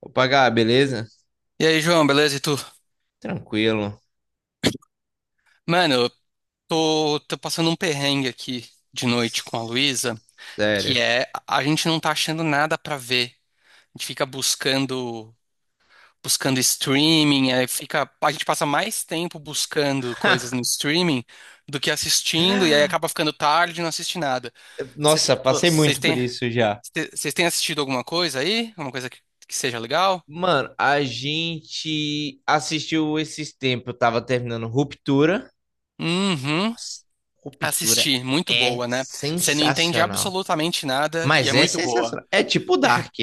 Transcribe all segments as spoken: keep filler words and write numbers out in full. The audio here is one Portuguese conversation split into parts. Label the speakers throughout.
Speaker 1: Opa, Gá, beleza?
Speaker 2: E aí, João, beleza? E tu?
Speaker 1: Tranquilo.
Speaker 2: Mano, eu tô, tô passando um perrengue aqui de noite com a Luísa, que
Speaker 1: Sério.
Speaker 2: é a gente não tá achando nada pra ver. A gente fica buscando, buscando streaming, aí fica, a gente passa mais tempo buscando coisas no streaming do que assistindo, e aí acaba ficando tarde e não assiste nada. Cê-
Speaker 1: Nossa, passei
Speaker 2: Vocês
Speaker 1: muito por
Speaker 2: têm,
Speaker 1: isso já.
Speaker 2: vocês têm assistido alguma coisa aí? Alguma coisa que, que seja legal?
Speaker 1: Mano, a gente assistiu esses tempos. Eu tava terminando Ruptura.
Speaker 2: Uhum.
Speaker 1: Nossa, Ruptura
Speaker 2: Assisti, muito
Speaker 1: é
Speaker 2: boa, né? Você não entende
Speaker 1: sensacional.
Speaker 2: absolutamente nada e é
Speaker 1: Mas é
Speaker 2: muito boa.
Speaker 1: sensacional. É tipo Dark.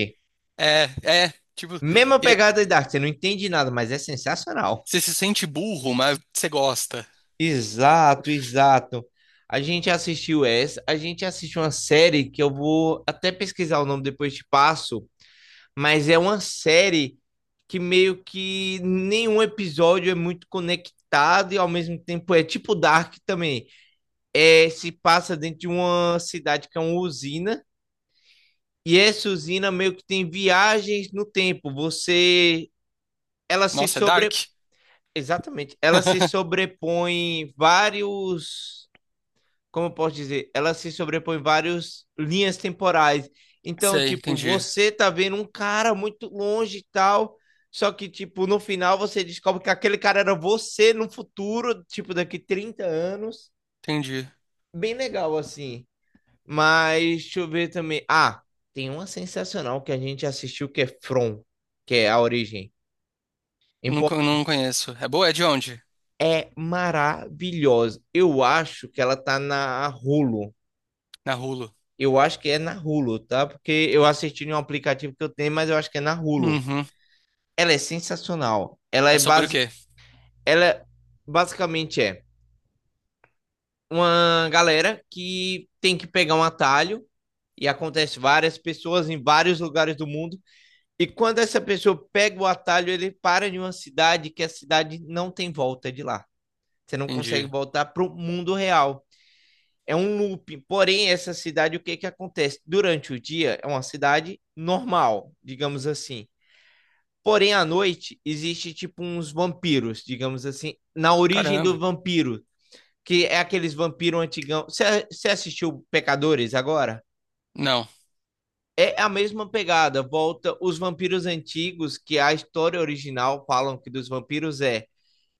Speaker 2: É, é, tipo,
Speaker 1: Mesma
Speaker 2: e é-
Speaker 1: pegada de Dark. Você não entende nada, mas é sensacional.
Speaker 2: Você se sente burro, mas você gosta.
Speaker 1: Exato, exato. A gente assistiu essa, a gente assistiu uma série que eu vou até pesquisar o nome depois te passo, mas é uma série que meio que nenhum episódio é muito conectado e ao mesmo tempo é tipo Dark também. É, se passa dentro de uma cidade que é uma usina e essa usina meio que tem viagens no tempo. Você, ela se
Speaker 2: Nossa, é Dark?
Speaker 1: sobre, exatamente, ela se sobrepõe vários, como eu posso dizer, ela se sobrepõe várias linhas temporais. Então,
Speaker 2: Sei,
Speaker 1: tipo,
Speaker 2: entendi,
Speaker 1: você tá vendo um cara muito longe e tal, só que, tipo, no final você descobre que aquele cara era você no futuro, tipo, daqui trinta anos.
Speaker 2: entendi.
Speaker 1: Bem legal, assim. Mas, deixa eu ver também. Ah, tem uma sensacional que a gente assistiu que é From, que é a origem. Em
Speaker 2: Não, co-
Speaker 1: português.
Speaker 2: não conheço. É boa? É de onde?
Speaker 1: É maravilhosa. Eu acho que ela tá na Hulu.
Speaker 2: Na Hulu.
Speaker 1: Eu acho que é na Hulu, tá? Porque eu assisti em um aplicativo que eu tenho, mas eu acho que é na Hulu.
Speaker 2: Uhum.
Speaker 1: Ela é sensacional. Ela
Speaker 2: É
Speaker 1: é
Speaker 2: sobre o
Speaker 1: base...
Speaker 2: quê?
Speaker 1: Ela é, basicamente é uma galera que tem que pegar um atalho e acontece várias pessoas em vários lugares do mundo. E quando essa pessoa pega o atalho, ele para em uma cidade que a cidade não tem volta de lá. Você não consegue
Speaker 2: Entendi.
Speaker 1: voltar para o mundo real. É um looping. Porém, essa cidade, o que que acontece? Durante o dia, é uma cidade normal, digamos assim. Porém, à noite, existe tipo uns vampiros, digamos assim, na origem do
Speaker 2: Caramba.
Speaker 1: vampiro, que é aqueles vampiros antigão. Você você assistiu Pecadores agora?
Speaker 2: Não.
Speaker 1: É a mesma pegada, volta os vampiros antigos, que a história original falam que dos vampiros é,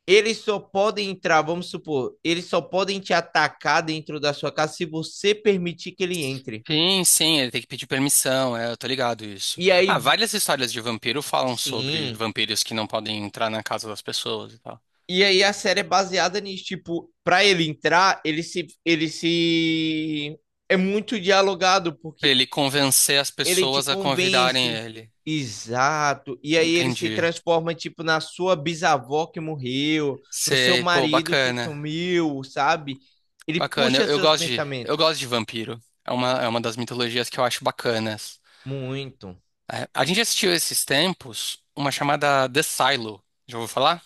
Speaker 1: eles só podem entrar, vamos supor, eles só podem te atacar dentro da sua casa se você permitir que ele entre.
Speaker 2: Sim, sim, ele tem que pedir permissão, é, eu tô ligado isso.
Speaker 1: E
Speaker 2: Ah,
Speaker 1: aí,
Speaker 2: várias histórias de vampiro falam sobre
Speaker 1: sim.
Speaker 2: vampiros que não podem entrar na casa das pessoas e tal.
Speaker 1: E aí a série é baseada nisso, tipo, pra ele entrar, ele se, ele se... É muito dialogado,
Speaker 2: Pra
Speaker 1: porque
Speaker 2: ele convencer as
Speaker 1: ele te
Speaker 2: pessoas a convidarem
Speaker 1: convence.
Speaker 2: ele.
Speaker 1: Exato. E aí ele se
Speaker 2: Entendi.
Speaker 1: transforma, tipo, na sua bisavó que morreu, no seu
Speaker 2: Sei, pô,
Speaker 1: marido que
Speaker 2: bacana.
Speaker 1: sumiu, sabe? Ele
Speaker 2: Bacana, eu,
Speaker 1: puxa
Speaker 2: eu
Speaker 1: seus
Speaker 2: gosto de, eu
Speaker 1: pensamentos.
Speaker 2: gosto de vampiro. É uma, é uma das mitologias que eu acho bacanas.
Speaker 1: Muito.
Speaker 2: É, a gente assistiu esses tempos uma chamada The Silo, já ouviu falar?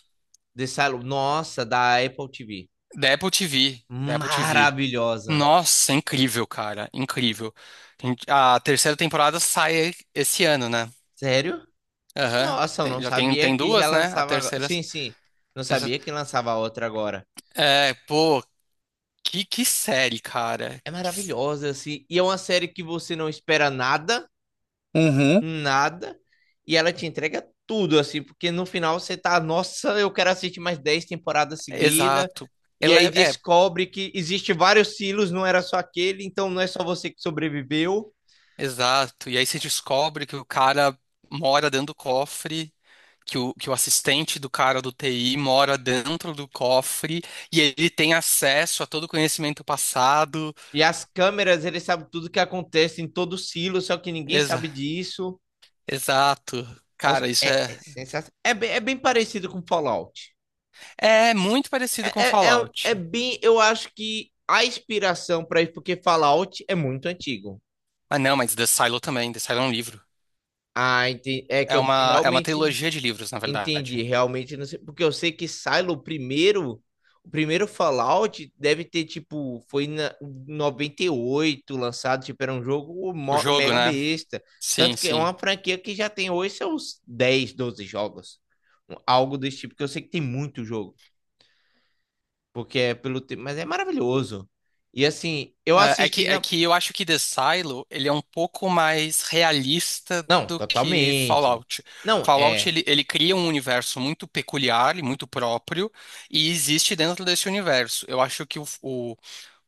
Speaker 1: Dessa... Nossa, da Apple T V.
Speaker 2: Da Apple T V, da Apple T V.
Speaker 1: Maravilhosa.
Speaker 2: Nossa, incrível, cara, incrível. A gente- a terceira temporada sai esse ano, né?
Speaker 1: Sério?
Speaker 2: Aham,
Speaker 1: Nossa, eu não
Speaker 2: Tem- já tem,
Speaker 1: sabia
Speaker 2: tem
Speaker 1: que já
Speaker 2: duas, né? A
Speaker 1: lançava agora.
Speaker 2: terceira,
Speaker 1: Sim, sim. Não
Speaker 2: essa-
Speaker 1: sabia que lançava outra agora.
Speaker 2: É, pô, que, que série, cara.
Speaker 1: É
Speaker 2: Que- s-
Speaker 1: maravilhosa, assim. E é uma série que você não espera nada,
Speaker 2: Uhum.
Speaker 1: nada. E ela te entrega tudo, assim. Porque no final você tá, nossa, eu quero assistir mais dez temporadas seguidas.
Speaker 2: Exato.
Speaker 1: E
Speaker 2: Ela
Speaker 1: aí
Speaker 2: é, é,
Speaker 1: descobre que existe vários silos, não era só aquele. Então não é só você que sobreviveu.
Speaker 2: exato. E aí você descobre que o cara mora dentro do cofre, que o, que o assistente do cara do T I mora dentro do cofre e ele tem acesso a todo o conhecimento passado.
Speaker 1: E as câmeras, eles sabem tudo que acontece em todo silo, só que ninguém
Speaker 2: Exa-
Speaker 1: sabe disso.
Speaker 2: exato. Cara,
Speaker 1: Nossa,
Speaker 2: isso
Speaker 1: é,
Speaker 2: é,
Speaker 1: é sensacional. É bem, é bem parecido com Fallout.
Speaker 2: é muito parecido com
Speaker 1: É, é, é,
Speaker 2: Fallout.
Speaker 1: é bem. Eu acho que a inspiração para isso, porque Fallout é muito antigo.
Speaker 2: Ah, não, mas The Silo também. The Silo é um livro.
Speaker 1: Ah, entendi. É que
Speaker 2: É
Speaker 1: eu
Speaker 2: uma, é uma
Speaker 1: realmente
Speaker 2: trilogia de livros, na
Speaker 1: entendi.
Speaker 2: verdade.
Speaker 1: Realmente não sei. Porque eu sei que Silo, o primeiro. O primeiro Fallout deve ter, tipo, foi na- em noventa e oito lançado, tipo, era um jogo
Speaker 2: O
Speaker 1: mo-
Speaker 2: jogo,
Speaker 1: mega
Speaker 2: né?
Speaker 1: besta.
Speaker 2: Sim,
Speaker 1: Tanto que é
Speaker 2: sim.
Speaker 1: uma franquia que já tem hoje seus dez doze jogos. Algo desse tipo, que eu sei que tem muito jogo, porque é pelo tempo, mas é maravilhoso. E assim, eu
Speaker 2: É é que,
Speaker 1: assisti
Speaker 2: é
Speaker 1: na.
Speaker 2: que eu acho que The Silo, ele é um pouco mais realista
Speaker 1: Não,
Speaker 2: do que
Speaker 1: totalmente.
Speaker 2: Fallout.
Speaker 1: Não,
Speaker 2: Fallout,
Speaker 1: é.
Speaker 2: ele, ele cria um universo muito peculiar e muito próprio, e existe dentro desse universo. Eu acho que o, o,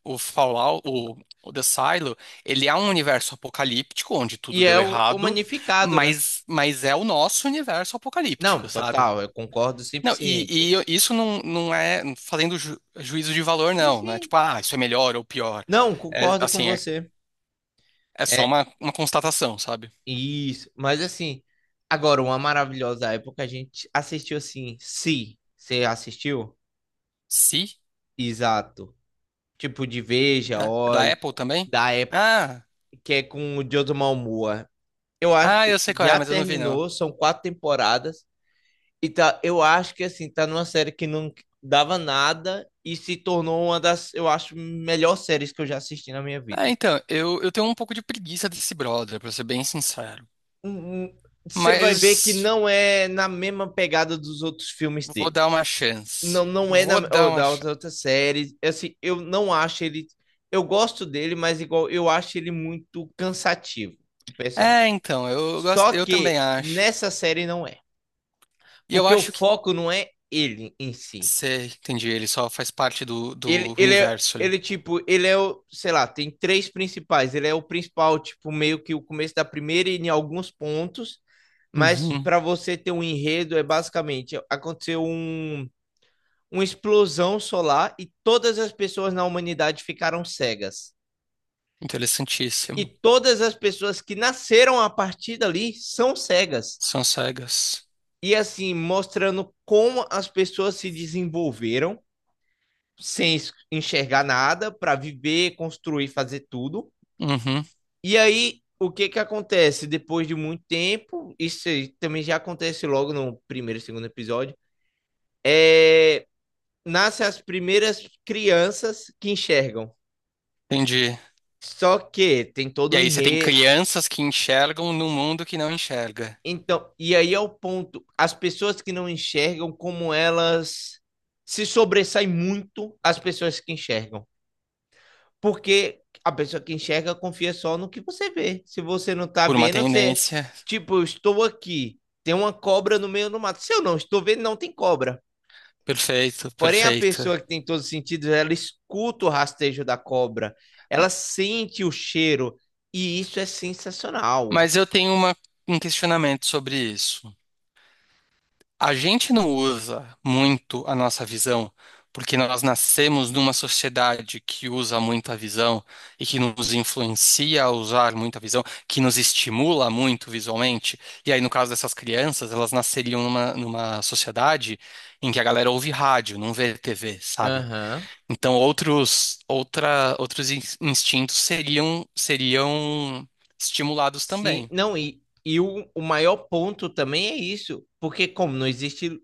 Speaker 2: o Fallout, o, o The Silo, ele é um universo apocalíptico, onde tudo
Speaker 1: E é
Speaker 2: deu
Speaker 1: o, o
Speaker 2: errado,
Speaker 1: Magnificado, né?
Speaker 2: mas, mas é o nosso universo
Speaker 1: Não,
Speaker 2: apocalíptico, sabe?
Speaker 1: total, eu concordo cem por
Speaker 2: Não,
Speaker 1: cento.
Speaker 2: e, e isso não, não é fazendo ju- juízo de valor,
Speaker 1: Sim,
Speaker 2: não, né?
Speaker 1: sim.
Speaker 2: Tipo, ah, isso é melhor ou pior.
Speaker 1: Não,
Speaker 2: É,
Speaker 1: concordo com
Speaker 2: assim, é
Speaker 1: você.
Speaker 2: é só
Speaker 1: É
Speaker 2: uma, uma constatação, sabe?
Speaker 1: isso. Mas assim, agora, uma maravilhosa época, a gente assistiu assim. Se você assistiu?
Speaker 2: Se?
Speaker 1: Exato. Tipo de Veja,
Speaker 2: Da, da
Speaker 1: Olhe,
Speaker 2: Apple também?
Speaker 1: da época,
Speaker 2: Ah,
Speaker 1: que é com o Joe Malmoa. Eu acho
Speaker 2: ah, eu sei qual é,
Speaker 1: já
Speaker 2: mas eu não vi não.
Speaker 1: terminou, são quatro temporadas. E tá, eu acho que assim, tá numa série que não dava nada e se tornou uma das, eu acho, melhores séries que eu já assisti na minha
Speaker 2: Ah,
Speaker 1: vida.
Speaker 2: então, eu, eu tenho um pouco de preguiça desse brother, pra ser bem sincero.
Speaker 1: Hum. Você vai ver que
Speaker 2: Mas
Speaker 1: não é na mesma pegada dos outros filmes
Speaker 2: vou
Speaker 1: dele.
Speaker 2: dar uma
Speaker 1: Não,
Speaker 2: chance.
Speaker 1: não é na,
Speaker 2: Vou
Speaker 1: ou
Speaker 2: dar uma
Speaker 1: da
Speaker 2: chance.
Speaker 1: outra, outra série. Assim, eu não acho ele. Eu gosto dele, mas igual eu acho ele muito cansativo, o personagem.
Speaker 2: É, então, eu gosto,
Speaker 1: Só
Speaker 2: eu também
Speaker 1: que
Speaker 2: acho.
Speaker 1: nessa série não é.
Speaker 2: E eu
Speaker 1: Porque o
Speaker 2: acho que,
Speaker 1: foco não é ele em si.
Speaker 2: sei, entendi, ele só faz parte do,
Speaker 1: Ele,
Speaker 2: do
Speaker 1: ele é,
Speaker 2: universo ali.
Speaker 1: ele, tipo, ele é o, sei lá, tem três principais. Ele é o principal, tipo, meio que o começo da primeira e em alguns pontos. Mas
Speaker 2: Uhum,
Speaker 1: para você ter um enredo, é basicamente aconteceu um, uma explosão solar e todas as pessoas na humanidade ficaram cegas. E
Speaker 2: interessantíssimo.
Speaker 1: todas as pessoas que nasceram a partir dali são cegas.
Speaker 2: São cegas.
Speaker 1: E assim, mostrando como as pessoas se desenvolveram sem enxergar nada para viver, construir, fazer tudo.
Speaker 2: Uhum,
Speaker 1: E aí, o que que acontece? Depois de muito tempo, isso aí também já acontece logo no primeiro, segundo episódio, é... nascem as primeiras crianças que enxergam.
Speaker 2: entendi.
Speaker 1: Só que tem todo
Speaker 2: E
Speaker 1: um
Speaker 2: aí você tem
Speaker 1: enredo.
Speaker 2: crianças que enxergam num mundo que não enxerga.
Speaker 1: Então, e aí é o ponto. As pessoas que não enxergam, como elas se sobressaem muito às pessoas que enxergam. Porque a pessoa que enxerga confia só no que você vê. Se você não tá
Speaker 2: Por uma
Speaker 1: vendo, você.
Speaker 2: tendência.
Speaker 1: Tipo, eu estou aqui, tem uma cobra no meio do mato. Se eu não estou vendo, não tem cobra.
Speaker 2: Perfeito,
Speaker 1: Porém, a
Speaker 2: perfeito.
Speaker 1: pessoa que tem todos os sentidos, ela escuta o rastejo da cobra, ela sente o cheiro, e isso é sensacional.
Speaker 2: Mas eu tenho uma- um questionamento sobre isso. A gente não usa muito a nossa visão porque nós nascemos numa sociedade que usa muito a visão e que nos influencia a usar muito a visão, que nos estimula muito visualmente. E aí, no caso dessas crianças, elas nasceriam numa, numa sociedade em que a galera ouve rádio, não vê T V, sabe?
Speaker 1: Aham.
Speaker 2: Então, outros, outra, outros in- instintos seriam, seriam estimulados
Speaker 1: Sim,
Speaker 2: também.
Speaker 1: não, e, e o, o maior ponto também é isso, porque como não existe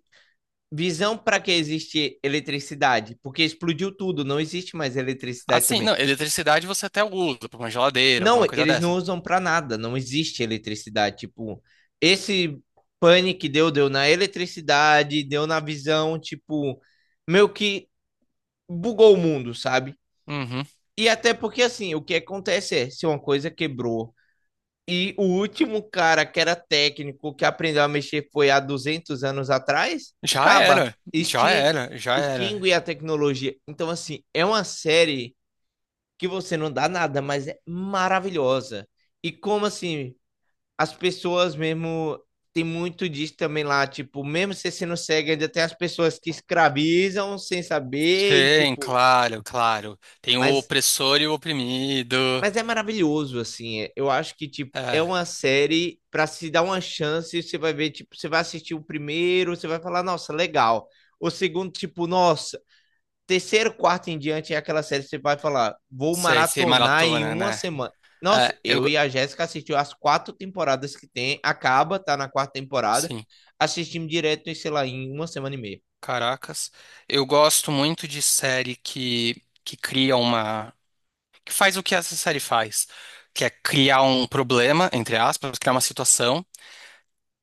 Speaker 1: visão, para que existe eletricidade? Porque explodiu tudo, não existe mais eletricidade
Speaker 2: Assim,
Speaker 1: também.
Speaker 2: não, eletricidade você até usa para uma geladeira,
Speaker 1: Não,
Speaker 2: alguma coisa
Speaker 1: eles não
Speaker 2: dessa.
Speaker 1: usam pra nada, não existe eletricidade. Tipo, esse pane que deu, deu na eletricidade, deu na visão, tipo, meio que bugou o mundo, sabe?
Speaker 2: Uhum.
Speaker 1: E até porque, assim, o que acontece é, se uma coisa quebrou e o último cara que era técnico, que aprendeu a mexer foi há duzentos anos atrás,
Speaker 2: Já
Speaker 1: acaba,
Speaker 2: era, já
Speaker 1: extin
Speaker 2: era, já era.
Speaker 1: extingue a tecnologia. Então, assim, é uma série que você não dá nada, mas é maravilhosa. E como assim, as pessoas mesmo. Tem muito disso também lá, tipo, mesmo você sendo cego, ainda tem as pessoas que escravizam sem saber e,
Speaker 2: Sim,
Speaker 1: tipo.
Speaker 2: claro, claro. Tem o
Speaker 1: Mas,
Speaker 2: opressor e o oprimido.
Speaker 1: mas é maravilhoso, assim. é- Eu acho que, tipo, é
Speaker 2: É,
Speaker 1: uma série pra se dar uma chance. Você vai ver, tipo, você vai assistir o primeiro, você vai falar, nossa, legal. O segundo, tipo, nossa, terceiro, quarto em diante é aquela série que você vai falar, vou
Speaker 2: sei, sei,
Speaker 1: maratonar em
Speaker 2: maratona,
Speaker 1: uma
Speaker 2: né?
Speaker 1: semana. Nossa,
Speaker 2: É, eu,
Speaker 1: eu
Speaker 2: go-
Speaker 1: e a Jéssica assistiu as quatro temporadas que tem, acaba, tá na quarta temporada,
Speaker 2: sim,
Speaker 1: assistimos direto, em, sei lá, em uma semana e meia.
Speaker 2: caracas. Eu gosto muito de série que, que cria uma que faz o que essa série faz, que é criar um problema, entre aspas, criar uma situação,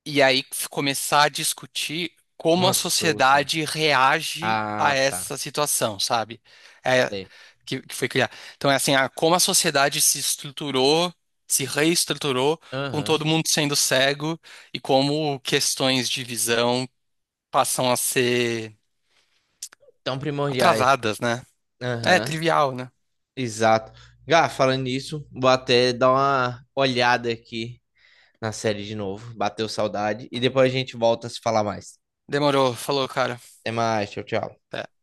Speaker 2: e aí f- começar a discutir como a
Speaker 1: Uma solução.
Speaker 2: sociedade reage a
Speaker 1: Ah, tá.
Speaker 2: essa situação, sabe? É,
Speaker 1: Sei.
Speaker 2: que, que foi criar. Então é assim, a- como a sociedade se estruturou, se reestruturou, com
Speaker 1: Aham.
Speaker 2: todo mundo sendo cego, e como questões de visão passam a ser
Speaker 1: Tão primordiais.
Speaker 2: atrasadas, né? É
Speaker 1: Aham.
Speaker 2: trivial, né?
Speaker 1: Exato. Gá, falando nisso, vou até dar uma olhada aqui na série de novo. Bateu saudade. E depois a gente volta a se falar mais.
Speaker 2: Demorou, falou, cara.
Speaker 1: Até mais. Tchau, tchau.
Speaker 2: Até.